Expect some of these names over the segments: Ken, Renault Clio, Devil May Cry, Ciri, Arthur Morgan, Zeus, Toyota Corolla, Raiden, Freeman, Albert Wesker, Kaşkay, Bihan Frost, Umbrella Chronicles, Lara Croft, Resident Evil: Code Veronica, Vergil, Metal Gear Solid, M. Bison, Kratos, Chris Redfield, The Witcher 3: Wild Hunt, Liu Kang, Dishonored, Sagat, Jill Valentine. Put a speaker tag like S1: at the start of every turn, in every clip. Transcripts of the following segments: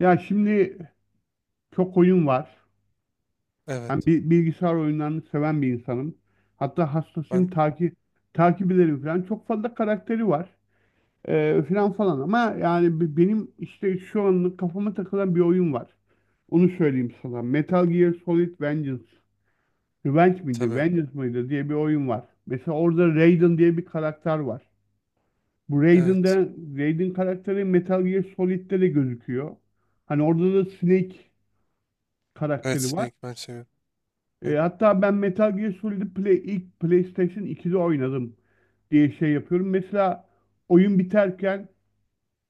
S1: Ya şimdi çok oyun var. Ben
S2: Evet.
S1: bilgisayar oyunlarını seven bir insanım. Hatta hastasıyım
S2: Ben
S1: takip ederim falan. Çok fazla karakteri var. Falan falan ama yani benim işte şu anlık kafama takılan bir oyun var. Onu söyleyeyim sana. Metal Gear Solid Vengeance. Revenge miydi?
S2: tabii.
S1: Vengeance mıydı diye bir oyun var. Mesela orada Raiden diye bir karakter var. Bu
S2: Evet.
S1: Raiden'de Raiden karakteri Metal Gear Solid'de de gözüküyor. Hani orada da Snake
S2: Evet,
S1: karakteri var.
S2: Snake ben seviyorum.
S1: E,
S2: Ben,
S1: hatta ben Metal Gear Solid ilk PlayStation 2'de oynadım diye şey yapıyorum. Mesela oyun biterken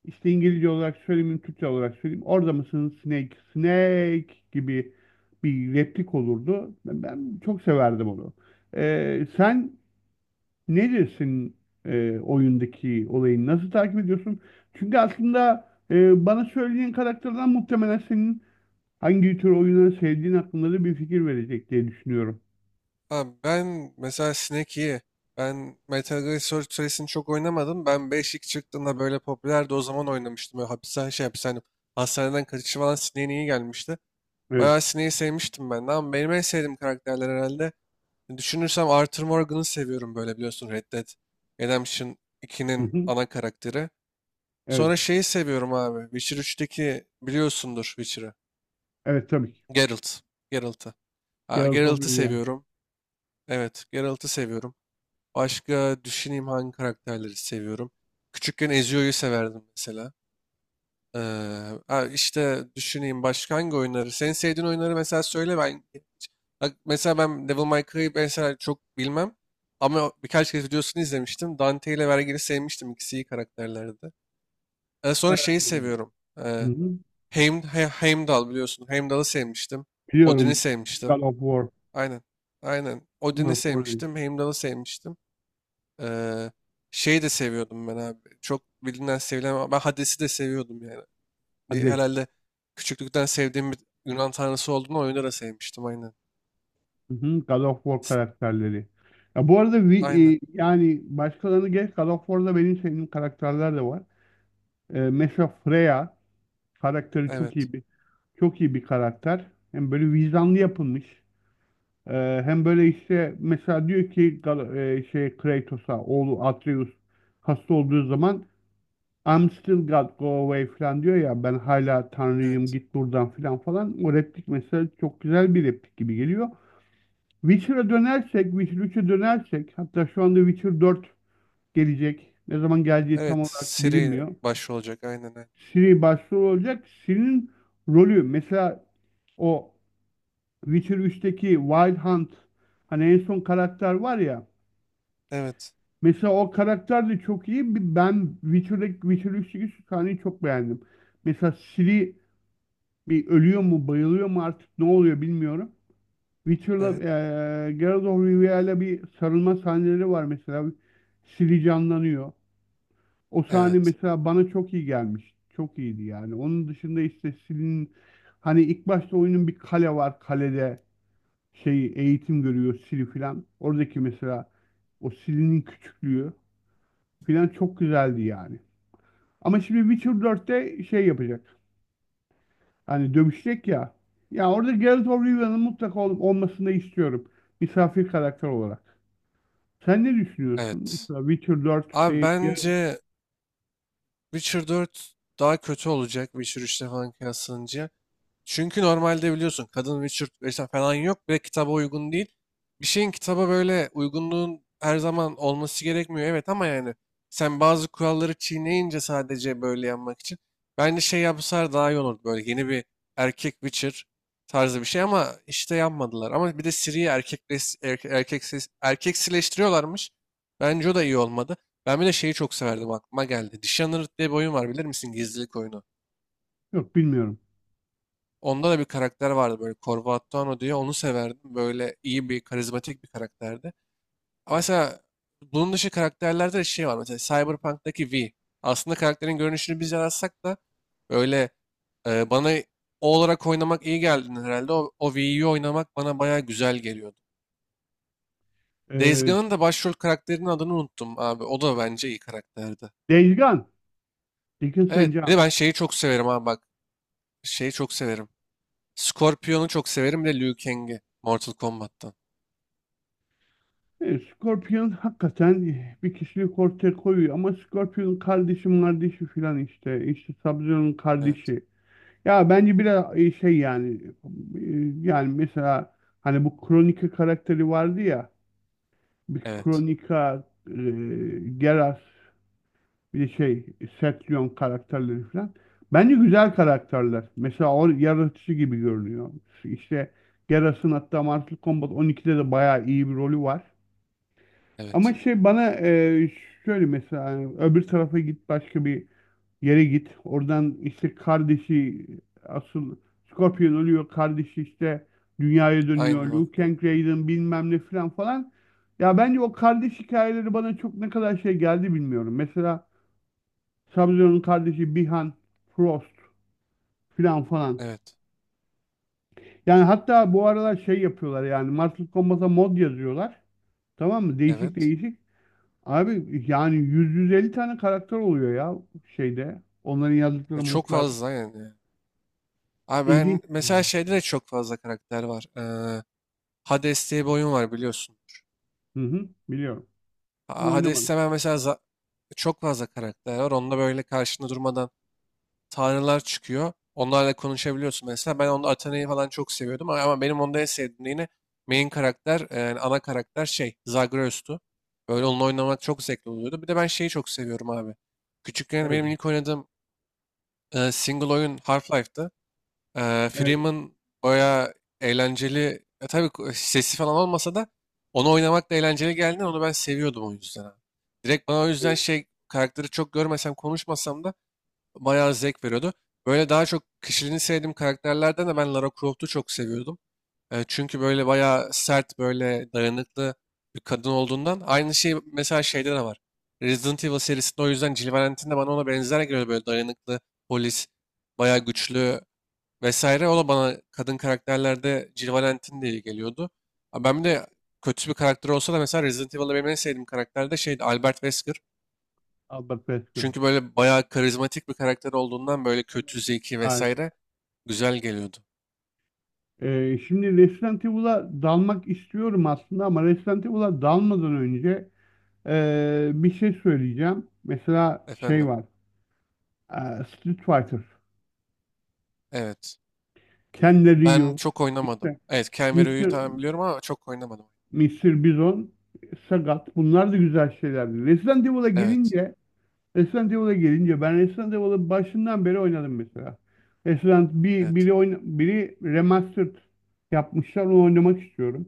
S1: işte İngilizce olarak söyleyeyim, Türkçe olarak söyleyeyim. Orada mısın Snake, Snake gibi bir replik olurdu. Ben çok severdim onu. Sen ne dersin, oyundaki olayı nasıl takip ediyorsun? Çünkü aslında bana söylediğin karakterden muhtemelen senin hangi tür oyunları sevdiğin hakkında da bir fikir verecek diye düşünüyorum.
S2: abi ben mesela Snake iyi. Ben Metal Gear Solid serisini çok oynamadım. Ben 5 ilk çıktığında böyle popülerdi, o zaman oynamıştım. Böyle hapishane. Hastaneden kaçışı falan Snake'in iyi gelmişti.
S1: Evet.
S2: Bayağı Snake'i sevmiştim ben de. Ama benim en sevdiğim karakterler herhalde. Düşünürsem Arthur Morgan'ı seviyorum, böyle biliyorsun, Red Dead Redemption 2'nin ana karakteri. Sonra
S1: Evet.
S2: şeyi seviyorum abi. Witcher üçteki, biliyorsundur Witcher'ı.
S1: Evet, tabii ki.
S2: Geralt. Geralt'ı. Ha,
S1: Geralt of
S2: Geralt'ı
S1: Rivia.
S2: seviyorum. Evet, Geralt'ı seviyorum. Başka düşüneyim hangi karakterleri seviyorum. Küçükken Ezio'yu severdim mesela. Ee, ha, işte düşüneyim başka hangi oyunları. Senin sevdiğin oyunları mesela söyle ben. Bak, mesela ben Devil May Cry'ı mesela çok bilmem. Ama birkaç kez videosunu izlemiştim. Dante ile Vergil'i sevmiştim. İkisi iyi karakterlerdi. Sonra
S1: Ee,
S2: şeyi seviyorum.
S1: hı hı.
S2: Heimdall biliyorsun. Heimdall'ı sevmiştim. Odin'i
S1: Biliyorum.
S2: sevmiştim.
S1: God of War.
S2: Aynen. Aynen.
S1: God
S2: Odin'i
S1: of War değil.
S2: sevmiştim. Heimdall'ı sevmiştim. Ee, Şeyi de seviyordum ben abi. Çok bilinen sevilen, ama ben Hades'i de seviyordum yani.
S1: Hades.
S2: Herhalde küçüklükten sevdiğim bir Yunan tanrısı olduğunu oyunda da sevmiştim. Aynen.
S1: Hı hı. God of War
S2: S-
S1: karakterleri. Ya bu arada
S2: Aynen.
S1: yani başkalarını geç, God of War'da benim sevdiğim karakterler de var. Mesela Freya karakteri çok
S2: Evet.
S1: iyi bir çok iyi bir karakter. Hem böyle vicdanlı yapılmış. E, hem böyle işte mesela diyor ki şey Kratos'a, oğlu Atreus hasta olduğu zaman "I'm still God, go away" falan diyor ya, ben hala Tanrıyım
S2: Evet.
S1: git buradan falan falan. O replik mesela çok güzel bir replik gibi geliyor. Witcher'a dönersek, Witcher 3'e dönersek, hatta şu anda Witcher 4 gelecek. Ne zaman geleceği
S2: Evet.
S1: tam olarak
S2: Siri
S1: bilinmiyor.
S2: baş olacak. Aynen, aynen.
S1: Ciri başrol olacak. Ciri'nin rolü mesela o Witcher 3'teki Wild Hunt, hani en son karakter var ya.
S2: Evet.
S1: Mesela o karakter de çok iyi. Ben Witcher'daki Witcher 3'teki şu sahneyi çok beğendim. Mesela Ciri bir ölüyor mu, bayılıyor mu artık ne oluyor bilmiyorum. Witcher'la
S2: Evet.
S1: Geralt of Rivia'yla bir sarılma sahneleri var mesela. Ciri canlanıyor. O sahne
S2: Evet.
S1: mesela bana çok iyi gelmiş. Çok iyiydi yani. Onun dışında işte Ciri'nin, hani ilk başta oyunun bir kale var. Kalede şey eğitim görüyor Ciri filan. Oradaki mesela o Ciri'nin küçüklüğü filan çok güzeldi yani. Ama şimdi Witcher 4'te şey yapacak. Hani dövüşecek ya. Ya orada Geralt of Rivia'nın mutlaka olmasını istiyorum. Misafir karakter olarak. Sen ne düşünüyorsun?
S2: Evet.
S1: Mesela Witcher 4
S2: Abi,
S1: değil. Geralt-
S2: bence Witcher 4 daha kötü olacak Witcher 3'te falan kıyaslanınca. Çünkü normalde biliyorsun, kadın Witcher vesaire falan yok. Bir de kitaba uygun değil. Bir şeyin kitaba böyle uygunluğun her zaman olması gerekmiyor, evet, ama yani sen bazı kuralları çiğneyince sadece böyle yanmak için. Bence şey yapsalar daha iyi olur. Böyle yeni bir erkek Witcher tarzı bir şey, ama işte yapmadılar. Ama bir de Ciri'yi erkek, erkek, erkeksileştiriyorlarmış. Bence o da iyi olmadı. Ben bir de şeyi çok severdim, aklıma geldi. Dishonored diye bir oyun var, bilir misin? Gizlilik oyunu.
S1: Yok, bilmiyorum.
S2: Onda da bir karakter vardı böyle, Corvatano diye. Onu severdim. Böyle iyi bir, karizmatik bir karakterdi. Ama
S1: Evet.
S2: mesela bunun dışı karakterlerde de şey var. Mesela Cyberpunk'taki V. Aslında karakterin görünüşünü biz yaratsak da böyle, bana o olarak oynamak iyi geldi herhalde. O V'yi oynamak bana baya güzel geliyordu. Days
S1: Ee,
S2: Gone'ın da başrol karakterinin adını unuttum abi. O da bence iyi karakterdi.
S1: Days Gone. Dickens
S2: Evet.
S1: and
S2: Bir de
S1: John.
S2: ben şeyi çok severim abi, bak. Şeyi çok severim. Scorpion'u çok severim. Bir de Liu Kang'i. Mortal Kombat'tan.
S1: Scorpion hakikaten bir kişilik ortaya koyuyor ama Scorpion'un kardeşi filan işte. İşte Sub-Zero'nun
S2: Evet.
S1: kardeşi. Ya bence biraz şey, yani e, yani mesela, hani bu Kronika karakteri vardı ya, bir
S2: Evet.
S1: Kronika, Geralt, bir de şey Setlion karakterleri falan. Bence güzel karakterler. Mesela o yaratıcı gibi görünüyor. İşte Geras'ın hatta Mortal Kombat 12'de de bayağı iyi bir rolü var. Ama
S2: Evet.
S1: şey bana şöyle mesela, hani öbür tarafa git, başka bir yere git. Oradan işte kardeşi asıl Scorpion ölüyor. Kardeşi işte dünyaya
S2: Aynen
S1: dönüyor.
S2: o.
S1: Liu Kang, Raiden, bilmem ne, filan falan. Ya bence o kardeş hikayeleri bana çok ne kadar şey geldi bilmiyorum. Mesela Sub-Zero'nun kardeşi Bihan, Frost, filan falan.
S2: Evet.
S1: Yani hatta bu aralar şey yapıyorlar, yani Mortal Kombat'a mod yazıyorlar. Tamam mı? Değişik
S2: Evet.
S1: değişik. Abi yani 100-150 tane karakter oluyor ya şeyde. Onların
S2: Ya
S1: yazdıkları
S2: çok
S1: modlar.
S2: fazla yani. Abi,
S1: İlginç.
S2: ben mesela şeyde de çok fazla karakter var. Hades diye bir oyun var, biliyorsundur.
S1: Hı hı, biliyorum. Ama oynamadım.
S2: Hades'te ben mesela çok fazla karakter var. Onda böyle karşında durmadan tanrılar çıkıyor. Onlarla konuşabiliyorsun mesela. Ben onda Athena'yı falan çok seviyordum. Ama benim onda en sevdiğim yine main karakter, yani ana karakter, şey, Zagreus'tu. Böyle onunla oynamak çok zevkli oluyordu. Bir de ben şeyi çok seviyorum abi. Küçükken
S1: Evet,
S2: benim ilk oynadığım, single oyun Half-Life'dı.
S1: evet,
S2: Freeman baya eğlenceli. Ya tabii sesi falan olmasa da onu oynamak da eğlenceli geldi. Onu ben seviyordum o yüzden abi. Direkt bana o yüzden
S1: evet.
S2: şey karakteri çok görmesem konuşmasam da bayağı zevk veriyordu. Böyle daha çok kişiliğini sevdiğim karakterlerden de ben Lara Croft'u çok seviyordum. Çünkü böyle bayağı sert, böyle dayanıklı bir kadın olduğundan. Aynı şey mesela şeyde de var. Resident Evil serisinde o yüzden Jill Valentine de bana ona benzer geliyor. Böyle dayanıklı, polis, bayağı güçlü vesaire. O da bana kadın karakterlerde Jill Valentine diye geliyordu. Ha, ben bir de kötü bir karakter olsa da, mesela Resident Evil'da benim en sevdiğim karakter de şeydi, Albert Wesker.
S1: Albert Wesker.
S2: Çünkü böyle bayağı karizmatik bir karakter olduğundan, böyle kötü, zeki
S1: Harika.
S2: vesaire, güzel geliyordu.
S1: Şimdi Resident Evil'a dalmak istiyorum aslında, ama Resident Evil'a dalmadan önce bir şey söyleyeceğim. Mesela şey
S2: Efendim.
S1: var. Street Fighter.
S2: Evet.
S1: Ken de
S2: Ben
S1: Ryu.
S2: çok oynamadım.
S1: işte
S2: Evet, Ken ve Ryu'yu
S1: Mr.
S2: tamam biliyorum, ama çok oynamadım.
S1: Mr. Bison. Sagat. Bunlar da güzel şeylerdi. Resident Evil'a
S2: Evet.
S1: gelince Resident Evil'a gelince ben Resident Evil'ı başından beri oynadım mesela. Resident bir
S2: Evet.
S1: biri oyna, biri remastered yapmışlar, onu oynamak istiyorum.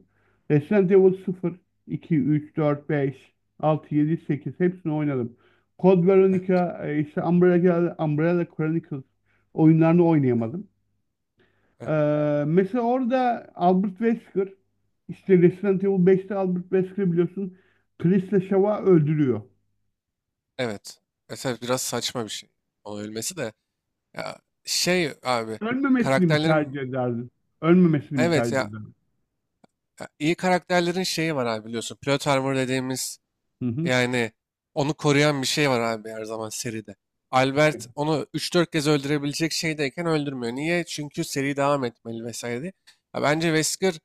S1: Resident Evil 0, 2, 3, 4, 5, 6, 7, 8 hepsini oynadım. Code
S2: Evet.
S1: Veronica, işte Umbrella, Umbrella Chronicles oyunlarını
S2: Evet.
S1: oynayamadım.
S2: Evet.
S1: Ee, mesela orada Albert Wesker, işte Resident Evil 5'te Albert Wesker biliyorsun, Chris ile Shaw'a öldürüyor.
S2: Evet. Mesela biraz saçma bir şey. Onun ölmesi de. Ya, şey abi.
S1: Ölmemesini mi tercih
S2: Karakterlerin,
S1: ederdin? Ölmemesini mi
S2: evet
S1: tercih
S2: ya,
S1: ederdin?
S2: ya iyi karakterlerin şeyi var abi, biliyorsun. Plot armor dediğimiz.
S1: Hı hı.
S2: Yani onu koruyan bir şey var abi, her zaman seride.
S1: Evet.
S2: Albert onu üç dört kez öldürebilecek şeydeyken öldürmüyor. Niye? Çünkü seri devam etmeli vesaire diye. Ya bence Wesker,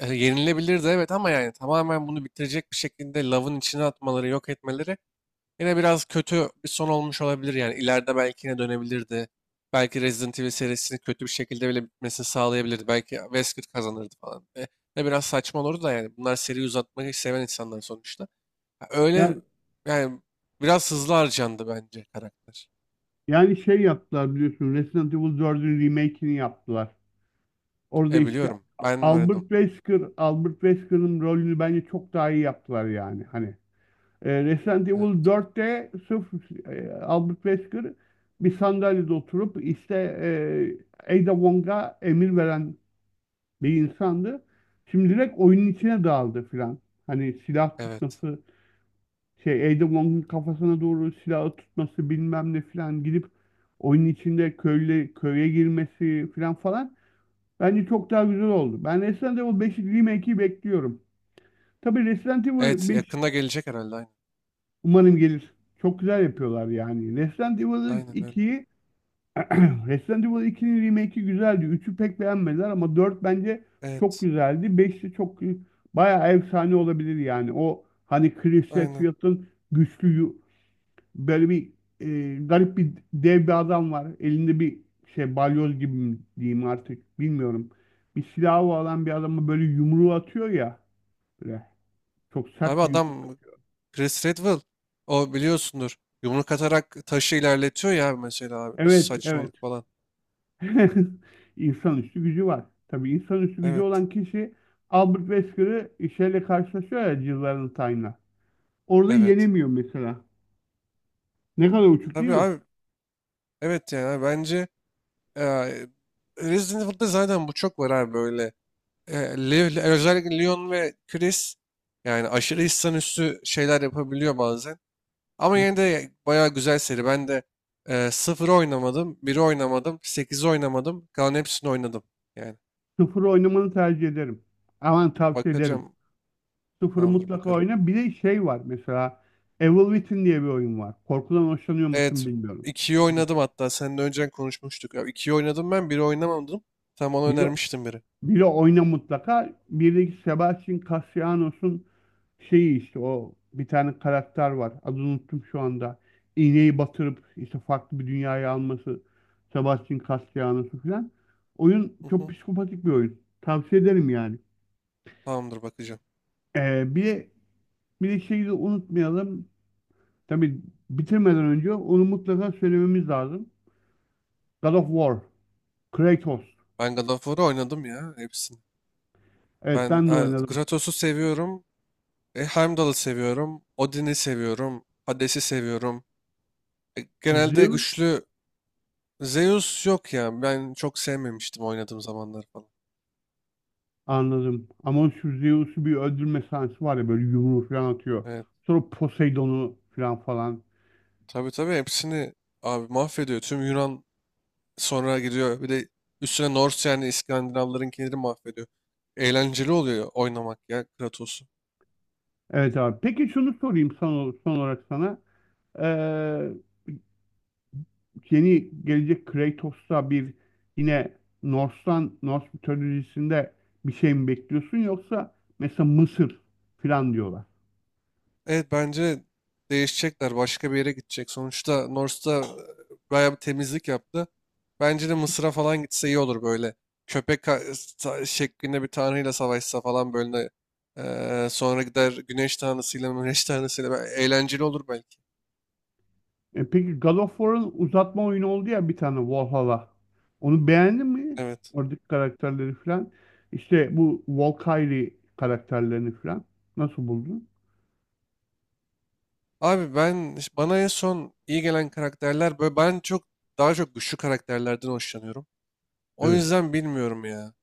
S2: yenilebilirdi, evet, ama yani tamamen bunu bitirecek bir şekilde Love'ın içine atmaları, yok etmeleri yine biraz kötü bir son olmuş olabilir. Yani ileride belki yine dönebilirdi. Belki Resident Evil serisini kötü bir şekilde bile bitmesini sağlayabilirdi. Belki Wesker kazanırdı falan. Ne biraz saçma olurdu da, yani bunlar seri uzatmayı seven insanlar sonuçta. Öyle
S1: Yani,
S2: yani, biraz hızlı harcandı bence karakter.
S1: yani şey yaptılar biliyorsun, Resident Evil 4'ün remake'ini yaptılar. Orada
S2: E,
S1: işte
S2: biliyorum. Ben oynadım.
S1: Albert Wesker'ın rolünü bence çok daha iyi yaptılar yani. Hani Resident
S2: Evet.
S1: Evil 4'te sırf Albert Wesker bir sandalyede oturup, işte Ada Wong'a emir veren bir insandı. Şimdi direkt oyunun içine dağıldı filan. Hani silah
S2: Evet.
S1: tutması, şey Ada Wong'un kafasına doğru silahı tutması, bilmem ne filan, gidip oyunun içinde köyle köye girmesi filan falan, bence çok daha güzel oldu. Ben Resident Evil 5 remake'i bekliyorum. Tabii Resident Evil
S2: Evet,
S1: 5,
S2: yakında gelecek herhalde, aynen.
S1: umarım gelir. Çok güzel yapıyorlar yani. Resident Evil
S2: Aynen öyle.
S1: 2'yi Resident Evil 2'nin remake'i güzeldi. Üçü pek beğenmediler ama 4 bence çok
S2: Evet.
S1: güzeldi. Beş de çok, bayağı efsane olabilir yani. O hani Chris
S2: Aynen.
S1: Redfield'ın güçlü yu- Böyle bir garip bir dev bir adam var. Elinde bir şey balyoz gibi mi diyeyim artık bilmiyorum. Bir silahı olan bir adama böyle yumruğu atıyor ya. Böyle çok
S2: Abi,
S1: sert bir yumruğu.
S2: adam Chris Redwell, o biliyorsundur. Yumruk atarak taşı ilerletiyor ya mesela abi. Nasıl
S1: Evet, evet.
S2: saçmalık falan.
S1: İnsanüstü gücü var. Tabii insanüstü gücü
S2: Evet.
S1: olan kişi Albert Wesker'ı şeyle karşılaşıyor ya, Jill Valentine'la. Orada
S2: Evet.
S1: yenemiyor mesela. Ne kadar uçuk değil
S2: Tabii
S1: mi?
S2: abi. Evet yani abi, bence e, Resident Evil'da zaten bu çok var abi, böyle. Özellikle Leon ve Chris, yani aşırı hissan üstü şeyler yapabiliyor bazen. Ama yine de bayağı güzel seri. Ben de sıfırı oynamadım, biri oynamadım, sekizi oynamadım. Kalan hepsini oynadım. Yani
S1: Sıfır oynamanı tercih ederim. Aman, tavsiye ederim.
S2: bakacağım.
S1: Sıfırı
S2: Tamamdır,
S1: mutlaka
S2: bakarım.
S1: oyna. Bir de şey var mesela, Evil Within diye bir oyun var. Korkudan hoşlanıyor musun
S2: Evet.
S1: bilmiyorum.
S2: ikiyi oynadım hatta. Seninle önceden konuşmuştuk. Ya 2'yi oynadım ben, biri oynamadım. Tam ona
S1: Biri,
S2: önermiştin, biri.
S1: biri oyna mutlaka. Birdeki Sebastian Castellanos'un şeyi, işte o bir tane karakter var. Adını unuttum şu anda. İğneyi batırıp işte farklı bir dünyaya alması Sebastian Castellanos'u falan. Oyun
S2: Hı
S1: çok
S2: hı.
S1: psikopatik bir oyun. Tavsiye ederim yani.
S2: Tamamdır, bakacağım.
S1: Ee, bir de, bir de şeyi de unutmayalım. Tabii bitirmeden önce onu mutlaka söylememiz lazım. God of War. Kratos.
S2: Ben God of War'ı oynadım ya, hepsini.
S1: Evet,
S2: Ben
S1: ben de oynadım.
S2: Kratos'u seviyorum. Heimdall'ı seviyorum. Odin'i seviyorum. Hades'i seviyorum. Genelde
S1: Zeus,
S2: güçlü. Zeus yok ya. Ben çok sevmemiştim oynadığım zamanlar falan.
S1: anladım. Ama şu Zeus'u bir öldürme sahnesi var ya, böyle yumruğu falan atıyor.
S2: Evet.
S1: Sonra Poseidon'u falan falan.
S2: Tabii tabii, hepsini abi mahvediyor. Tüm Yunan, sonra gidiyor. Bir de üstüne Norse, yani İskandinavların, kendini mahvediyor. Eğlenceli oluyor oynamak ya Kratos'u.
S1: Evet, abi. Peki şunu sorayım, son olarak sana. Ee, yeni gelecek Kratos'ta bir, yine Norse'tan, Norse mitolojisinde bir şey mi bekliyorsun, yoksa mesela Mısır falan diyorlar.
S2: Evet, bence değişecekler. Başka bir yere gidecek. Sonuçta North'ta bayağı bir temizlik yaptı. Bence de Mısır'a falan gitse iyi olur böyle. Şeklinde bir tanrıyla savaşsa falan böyle. Sonra gider güneş tanrısıyla. Eğlenceli olur belki.
S1: Peki God of War'ın uzatma oyunu oldu ya, bir tane Valhalla. Onu beğendin mi?
S2: Evet.
S1: Oradaki karakterleri falan. İşte bu Valkyrie karakterlerini falan. Nasıl buldun?
S2: Abi, ben, bana en son iyi gelen karakterler böyle, ben çok daha çok güçlü karakterlerden hoşlanıyorum. O
S1: Evet.
S2: yüzden bilmiyorum ya.